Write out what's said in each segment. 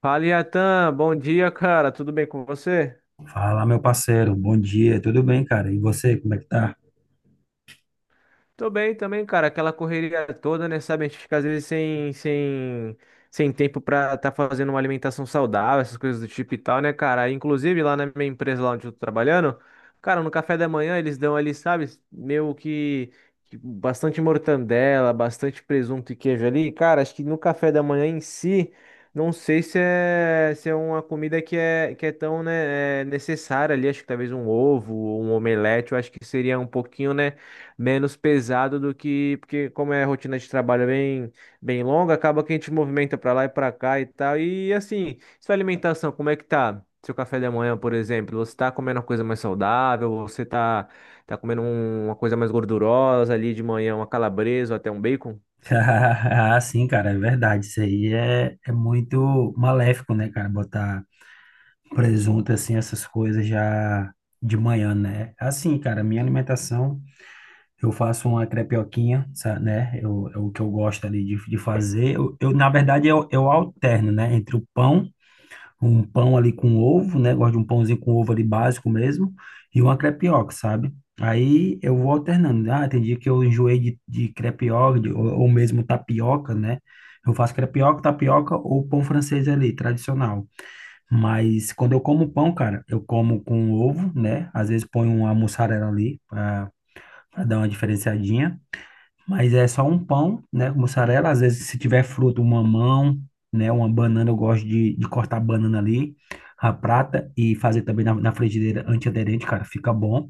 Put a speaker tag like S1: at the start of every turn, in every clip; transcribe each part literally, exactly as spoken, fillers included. S1: Fala, Iatan, bom dia, cara. Tudo bem com você?
S2: Fala, meu parceiro, bom dia, tudo bem, cara? E você, como é que tá?
S1: Tô bem também, cara. Aquela correria toda, né? Sabe, a gente fica às vezes sem, sem, sem tempo pra tá fazendo uma alimentação saudável, essas coisas do tipo e tal, né, cara? Inclusive, lá na minha empresa, lá onde eu tô trabalhando, cara, no café da manhã eles dão ali, sabe, meio que, que bastante mortandela, bastante presunto e queijo ali. Cara, acho que no café da manhã em si, não sei se é, se é uma comida que é, que é tão, né, é necessária ali. Acho que talvez um ovo, um omelete, eu acho que seria um pouquinho, né, menos pesado do que, porque como é a rotina de trabalho bem, bem longa, acaba que a gente movimenta para lá e para cá e tal. E assim, sua alimentação, como é que tá? Seu café da manhã, por exemplo, você tá comendo uma coisa mais saudável, você tá, tá comendo um- uma coisa mais gordurosa ali de manhã, uma calabresa ou até um bacon?
S2: Ah, sim, cara, é verdade. Isso aí é, é muito maléfico, né, cara? Botar presunto, assim, essas coisas já de manhã, né? Assim, cara, minha alimentação, eu faço uma crepioquinha, sa- né? Eu, é o que eu gosto ali de, de fazer. Eu, eu, na verdade, eu, eu alterno, né? Entre o pão um pão ali com ovo, né? Gosto de um pãozinho com ovo ali básico mesmo, e uma crepioca, sabe? Aí eu vou alternando. Ah, tem dia que eu enjoei de, de crepioca, de- ou, ou mesmo tapioca, né? Eu faço crepioca, tapioca ou pão francês ali, tradicional. Mas quando eu como pão, cara, eu como com ovo, né? Às vezes ponho uma mussarela ali para dar uma diferenciadinha. Mas é só um pão, né, com mussarela. Às vezes, se tiver fruta, um mamão, né, uma banana, eu gosto de, de cortar a banana ali, a prata, e fazer também na, na frigideira antiaderente, cara, fica bom.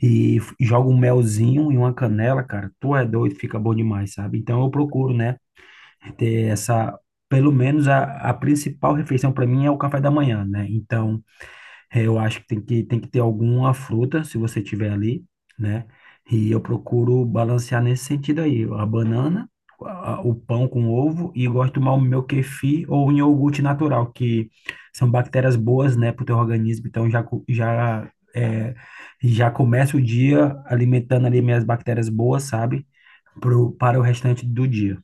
S2: E f- joga um melzinho e uma canela, cara, tu é doido, fica bom demais, sabe? Então eu procuro, né, ter essa, pelo menos a, a principal refeição para mim é o café da manhã, né? Então, é, eu acho que tem que, tem que ter alguma fruta, se você tiver ali, né? E eu procuro balancear nesse sentido aí, a banana, a- o pão com ovo e gosto de tomar o meu kefir ou um iogurte natural, que são bactérias boas, né, para o teu organismo. Então já, co- já, é, já começa o dia alimentando ali minhas bactérias boas, sabe? Pro, para o restante do dia.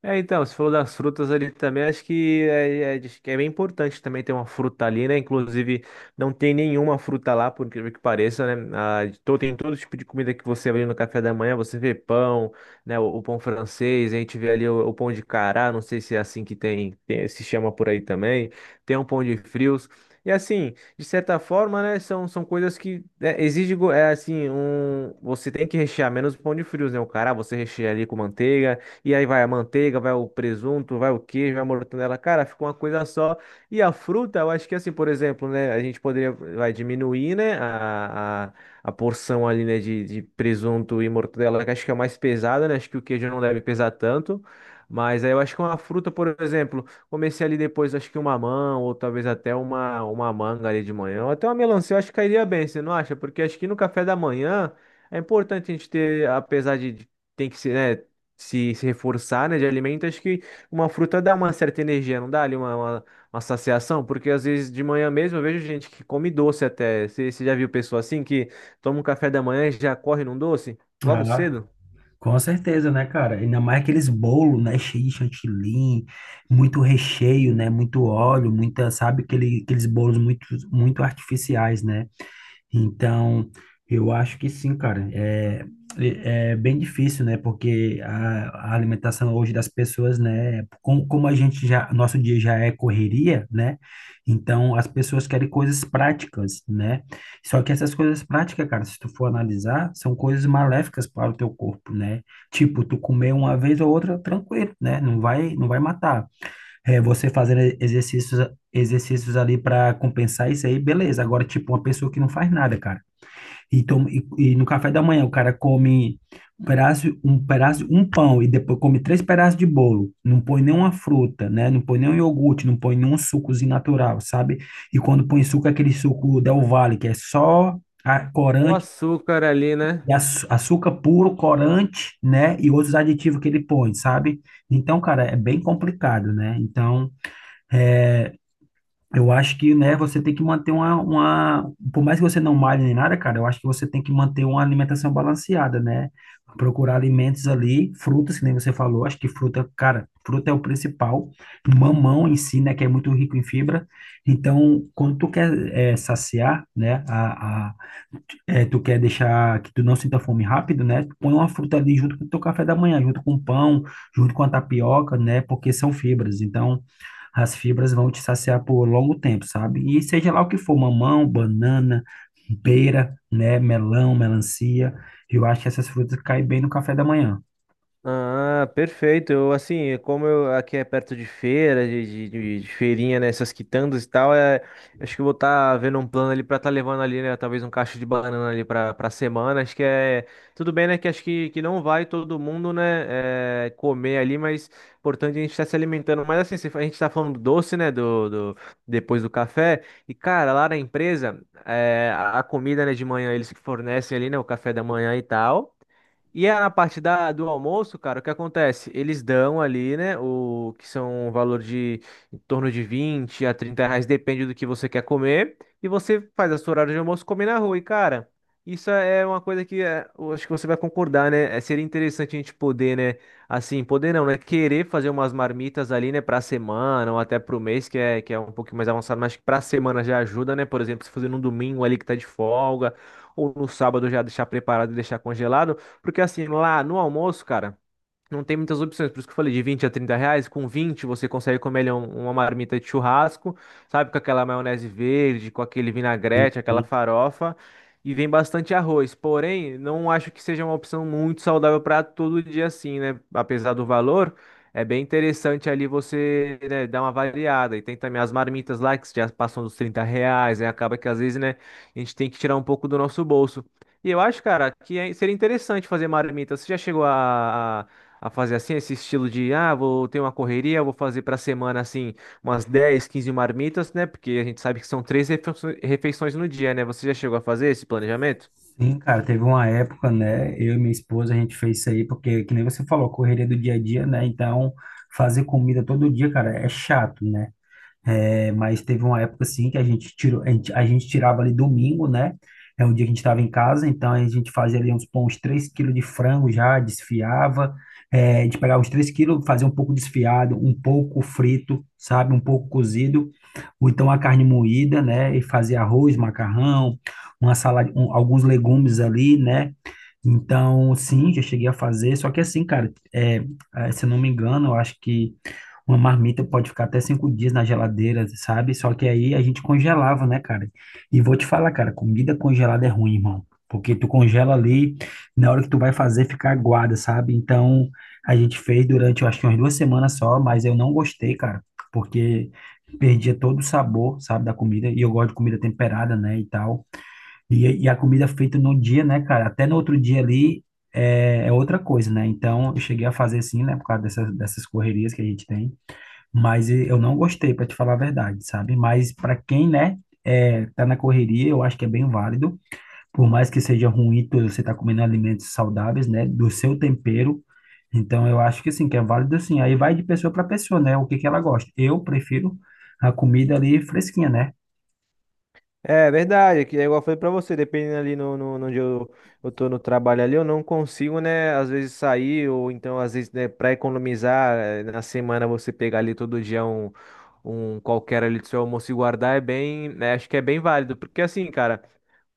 S1: É, então, você falou das frutas ali também, acho que é, é, diz que é bem importante também ter uma fruta ali, né? Inclusive, não tem nenhuma fruta lá, por incrível que pareça, né? Ah, de to- tem todo tipo de comida que você vê no café da manhã, você vê pão, né? O, o pão francês, a gente vê ali o, o pão de cará, não sei se é assim que tem, tem- se chama por aí também, tem um pão de frios. E assim, de certa forma, né, são, são coisas que né, exige, go- é assim, um, você tem que rechear menos o pão de frios, né? O cará você recheia ali com manteiga, e aí vai a manteiga, vai o presunto, vai o queijo, vai a mortadela. Cara, fica uma coisa só. E a fruta, eu acho que assim, por exemplo, né? A gente poderia vai diminuir, né? A, a, a porção ali, né, De, de presunto e mortadela, que acho que é mais pesada, né? Acho que o queijo não deve pesar tanto. Mas aí eu acho que uma fruta, por exemplo, comecei ali depois, acho que uma mamão, ou talvez até uma, uma manga ali de manhã, ou até uma melancia, eu acho que cairia bem, você não acha? Porque acho que no café da manhã é importante a gente ter, apesar de de- tem que ser, né, se, se reforçar, né, de alimento, acho que uma fruta dá uma certa energia, não dá ali uma, uma, uma saciação, porque às vezes de manhã mesmo eu vejo gente que come doce até. Você você já viu pessoa assim que toma um café da manhã e já corre num doce? Logo cedo?
S2: Com certeza, né, cara? Ainda mais aqueles bolos, né, cheio de chantilly, muito recheio, né, muito óleo, muita, sabe, aquele, aqueles bolos muito, muito artificiais, né? Então, eu acho que sim, cara. É, é é bem difícil, né? Porque a, a alimentação hoje das pessoas, né? Como, como a gente já, nosso dia já é correria, né? Então, as pessoas querem coisas práticas, né? Só que essas coisas práticas, cara, se tu for analisar, são coisas maléficas para o teu corpo, né? Tipo, tu comer uma vez ou outra, tranquilo, né? Não vai, não vai matar. É, você fazendo exercícios, exercícios ali para compensar isso aí, beleza. Agora, tipo, uma pessoa que não faz nada, cara. E, toma, e, e no café da manhã o cara come um pedaço, um pedaço, um pão e depois come três pedaços de bolo. Não põe nenhuma fruta, né? Não põe nenhum iogurte, não põe nenhum sucozinho natural, sabe? E quando põe suco, é aquele suco Del Valle, que é só a
S1: Olha o
S2: corante,
S1: açúcar ali, né?
S2: e açu- açúcar puro, corante, né? E outros aditivos que ele põe, sabe? Então, cara, é bem complicado, né? Então. É, eu acho que, né, você tem que manter uma, uma, por mais que você não malhe nem nada, cara, eu acho que você tem que manter uma alimentação balanceada, né? Procurar alimentos ali, frutas, que nem você falou, acho que fruta, cara, fruta é o principal, mamão em si, né, que é muito rico em fibra. Então, quando tu quer eh, saciar, né, a, a- é, tu quer deixar que tu não sinta fome rápido, né? Tu põe uma fruta ali junto com o teu café da manhã, junto com o pão, junto com a tapioca, né? Porque são fibras. Então, as fibras vão te saciar por longo tempo, sabe? E seja lá o que for, mamão, banana, pera, né? Melão, melancia. Eu acho que essas frutas caem bem no café da manhã.
S1: Ah, perfeito. Eu, assim, como eu, aqui é perto de feira, de, de, de- de feirinha, né? Essas quitandas e tal, é, acho que eu vou estar vendo um plano ali pra estar levando ali, né? Talvez um cacho de banana ali pra, pra semana. Acho que é. Tudo bem, né? Que acho que, que não vai todo mundo, né, é, comer ali, mas é importante a gente estar se alimentando. Mas assim, se a gente tá falando do doce, né? Do, do, depois do café. E, cara, lá na empresa, é, a a comida, né, de manhã, eles que fornecem ali, né? O café da manhã e tal. E é na parte da, do almoço, cara, o que acontece? Eles dão ali, né, o que são um valor de em torno de vinte a trinta reais, depende do que você quer comer. E você faz a sua hora de almoço comer na rua. E, cara, isso é uma coisa que é, eu acho que você vai concordar, né? É, seria interessante a gente poder, né, assim, poder não, né, querer fazer umas marmitas ali, né, pra semana ou até pro mês, que é, que é um pouquinho mais avançado, mas que pra semana já ajuda, né? Por exemplo, se fazer num domingo ali que tá de folga, ou no sábado já deixar preparado e deixar congelado. Porque assim, lá no almoço, cara, não tem muitas opções, por isso que eu falei de vinte a trinta reais. Com vinte você consegue comer ali um- uma marmita de churrasco, sabe? Com aquela maionese verde, com aquele vinagrete, aquela
S2: E
S1: farofa. E vem bastante arroz. Porém, não acho que seja uma opção muito saudável para todo dia assim, né? Apesar do valor, é bem interessante ali você, né, dar uma variada. E tem também as marmitas lá que já passam dos trinta reais, né? Acaba que às vezes, né, a gente tem que tirar um pouco do nosso bolso. E eu acho, cara, que é- seria interessante fazer marmita. Você já chegou a a fazer assim, esse estilo de, ah, vou ter uma correria, vou fazer para semana assim, umas dez, quinze marmitas, né? Porque a gente sabe que são três refeiço- refeições no dia, né? Você já chegou a fazer esse planejamento?
S2: sim, cara, teve uma época, né? Eu e minha esposa, a gente fez isso aí, porque, que nem você falou, correria do dia a dia, né? Então, fazer comida todo dia, cara, é chato, né? É, mas teve uma época assim que a gente tirou, a gente, a gente tirava ali domingo, né? É um dia que a gente estava em casa, então a gente fazia ali uns, pô, uns três quilos de frango já, desfiava. É, a gente pegava os três quilos, fazia um pouco desfiado, um pouco frito, sabe? Um pouco cozido, ou então a carne moída, né? E fazia arroz, macarrão, uma salada, um- alguns legumes ali, né? Então, sim, já cheguei a fazer, só que assim, cara, é, é, se eu não me engano, eu acho que uma marmita pode ficar até cinco dias na geladeira, sabe? Só que aí a gente congelava, né, cara? E vou te falar, cara, comida congelada é ruim, irmão, porque tu congela ali, na hora que tu vai fazer, fica aguada, sabe? Então, a gente fez durante, eu acho que umas duas semanas só, mas eu não gostei, cara, porque perdia todo o sabor, sabe, da comida, e eu gosto de comida temperada, né, e tal. E, e a comida feita num dia, né, cara? Até no outro dia ali é, é outra coisa, né? Então eu cheguei a fazer assim, né? Por causa dessas, dessas correrias que a gente tem. Mas e- eu não gostei, para te falar a verdade, sabe? Mas para quem, né, é, tá na correria, eu acho que é bem válido. Por mais que seja ruim, tu- você tá comendo alimentos saudáveis, né? Do seu tempero. Então eu acho que sim, que é válido assim. Aí vai de pessoa para pessoa, né? O que que ela gosta. Eu prefiro a comida ali fresquinha, né?
S1: É verdade, é que é igual eu falei pra você, dependendo ali no, no, no onde eu, eu tô no trabalho ali, eu não consigo, né, às vezes sair, ou então, às vezes, né, pra economizar, eh, na semana você pegar ali todo dia um, um qualquer ali do seu almoço e guardar é bem, né, acho que é bem válido, porque assim, cara,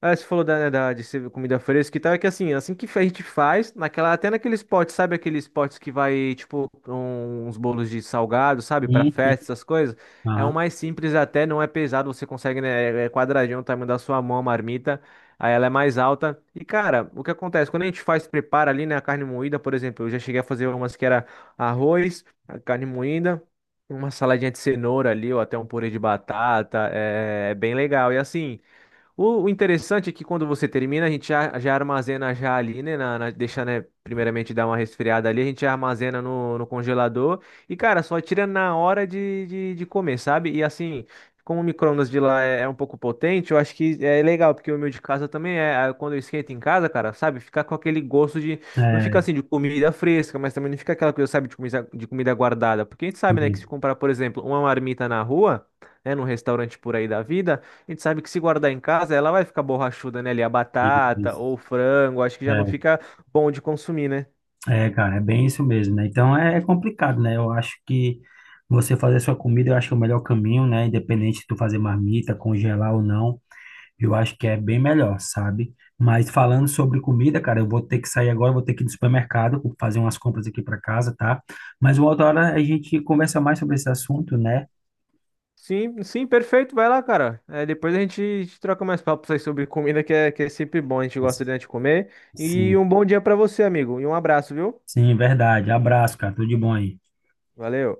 S1: ah, você falou da, né, da- de ser comida fresca e tal, é que assim, assim que a gente faz, naquela, até naqueles potes, sabe aqueles potes que vai, tipo, um- uns bolos de salgado, sabe, pra
S2: Sim, sim.
S1: festa, essas coisas, é um
S2: Aham.
S1: mais simples até, não é pesado, você consegue, né, é é quadradinho o tamanho da sua mão, a marmita, aí ela é mais alta, e cara, o que acontece, quando a gente faz, prepara ali, né, a carne moída, por exemplo, eu já cheguei a fazer umas que era arroz, a carne moída, uma saladinha de cenoura ali, ou até um purê de batata, é é bem legal, e assim. O, o interessante é que quando você termina, a gente já, já armazena já ali, né? Na, na- deixa, né? Primeiramente dar uma resfriada ali, a gente armazena no, no congelador. E, cara, só tira na hora de, de, de comer, sabe? E assim, como o micro-ondas de lá é, é um pouco potente, eu acho que é legal, porque o meu de casa também é. Aí quando eu esquento em casa, cara, sabe? Fica com aquele gosto de. Não fica
S2: É,
S1: assim de comida fresca, mas também não fica aquela coisa, sabe, de comida, de comida guardada. Porque a gente sabe, né, que se
S2: uhum.
S1: comprar, por exemplo, uma marmita na rua, né? Num restaurante por aí da vida. A gente sabe que se guardar em casa, ela vai ficar borrachuda, né? Ali a batata
S2: Isso.
S1: ou o frango, acho que já não fica bom de consumir, né?
S2: É, é, cara, é bem isso mesmo, né? Então é é complicado, né? Eu acho que você fazer sua comida, eu acho que é o melhor caminho, né? Independente de tu fazer marmita, congelar ou não, eu acho que é bem melhor, sabe? Mas falando sobre comida, cara, eu vou ter que sair agora, eu vou ter que ir no supermercado, vou fazer umas compras aqui para casa, tá? Mas uma outra hora a gente conversa mais sobre esse assunto, né?
S1: Sim, sim, perfeito, vai lá, cara. É, depois a gente, a gente troca mais papos aí sobre comida, que é, que é sempre bom, a gente gosta de, né, de comer. E
S2: Sim,
S1: um bom dia pra você, amigo, e um abraço, viu?
S2: sim, verdade. Abraço, cara. Tudo de bom aí.
S1: Valeu.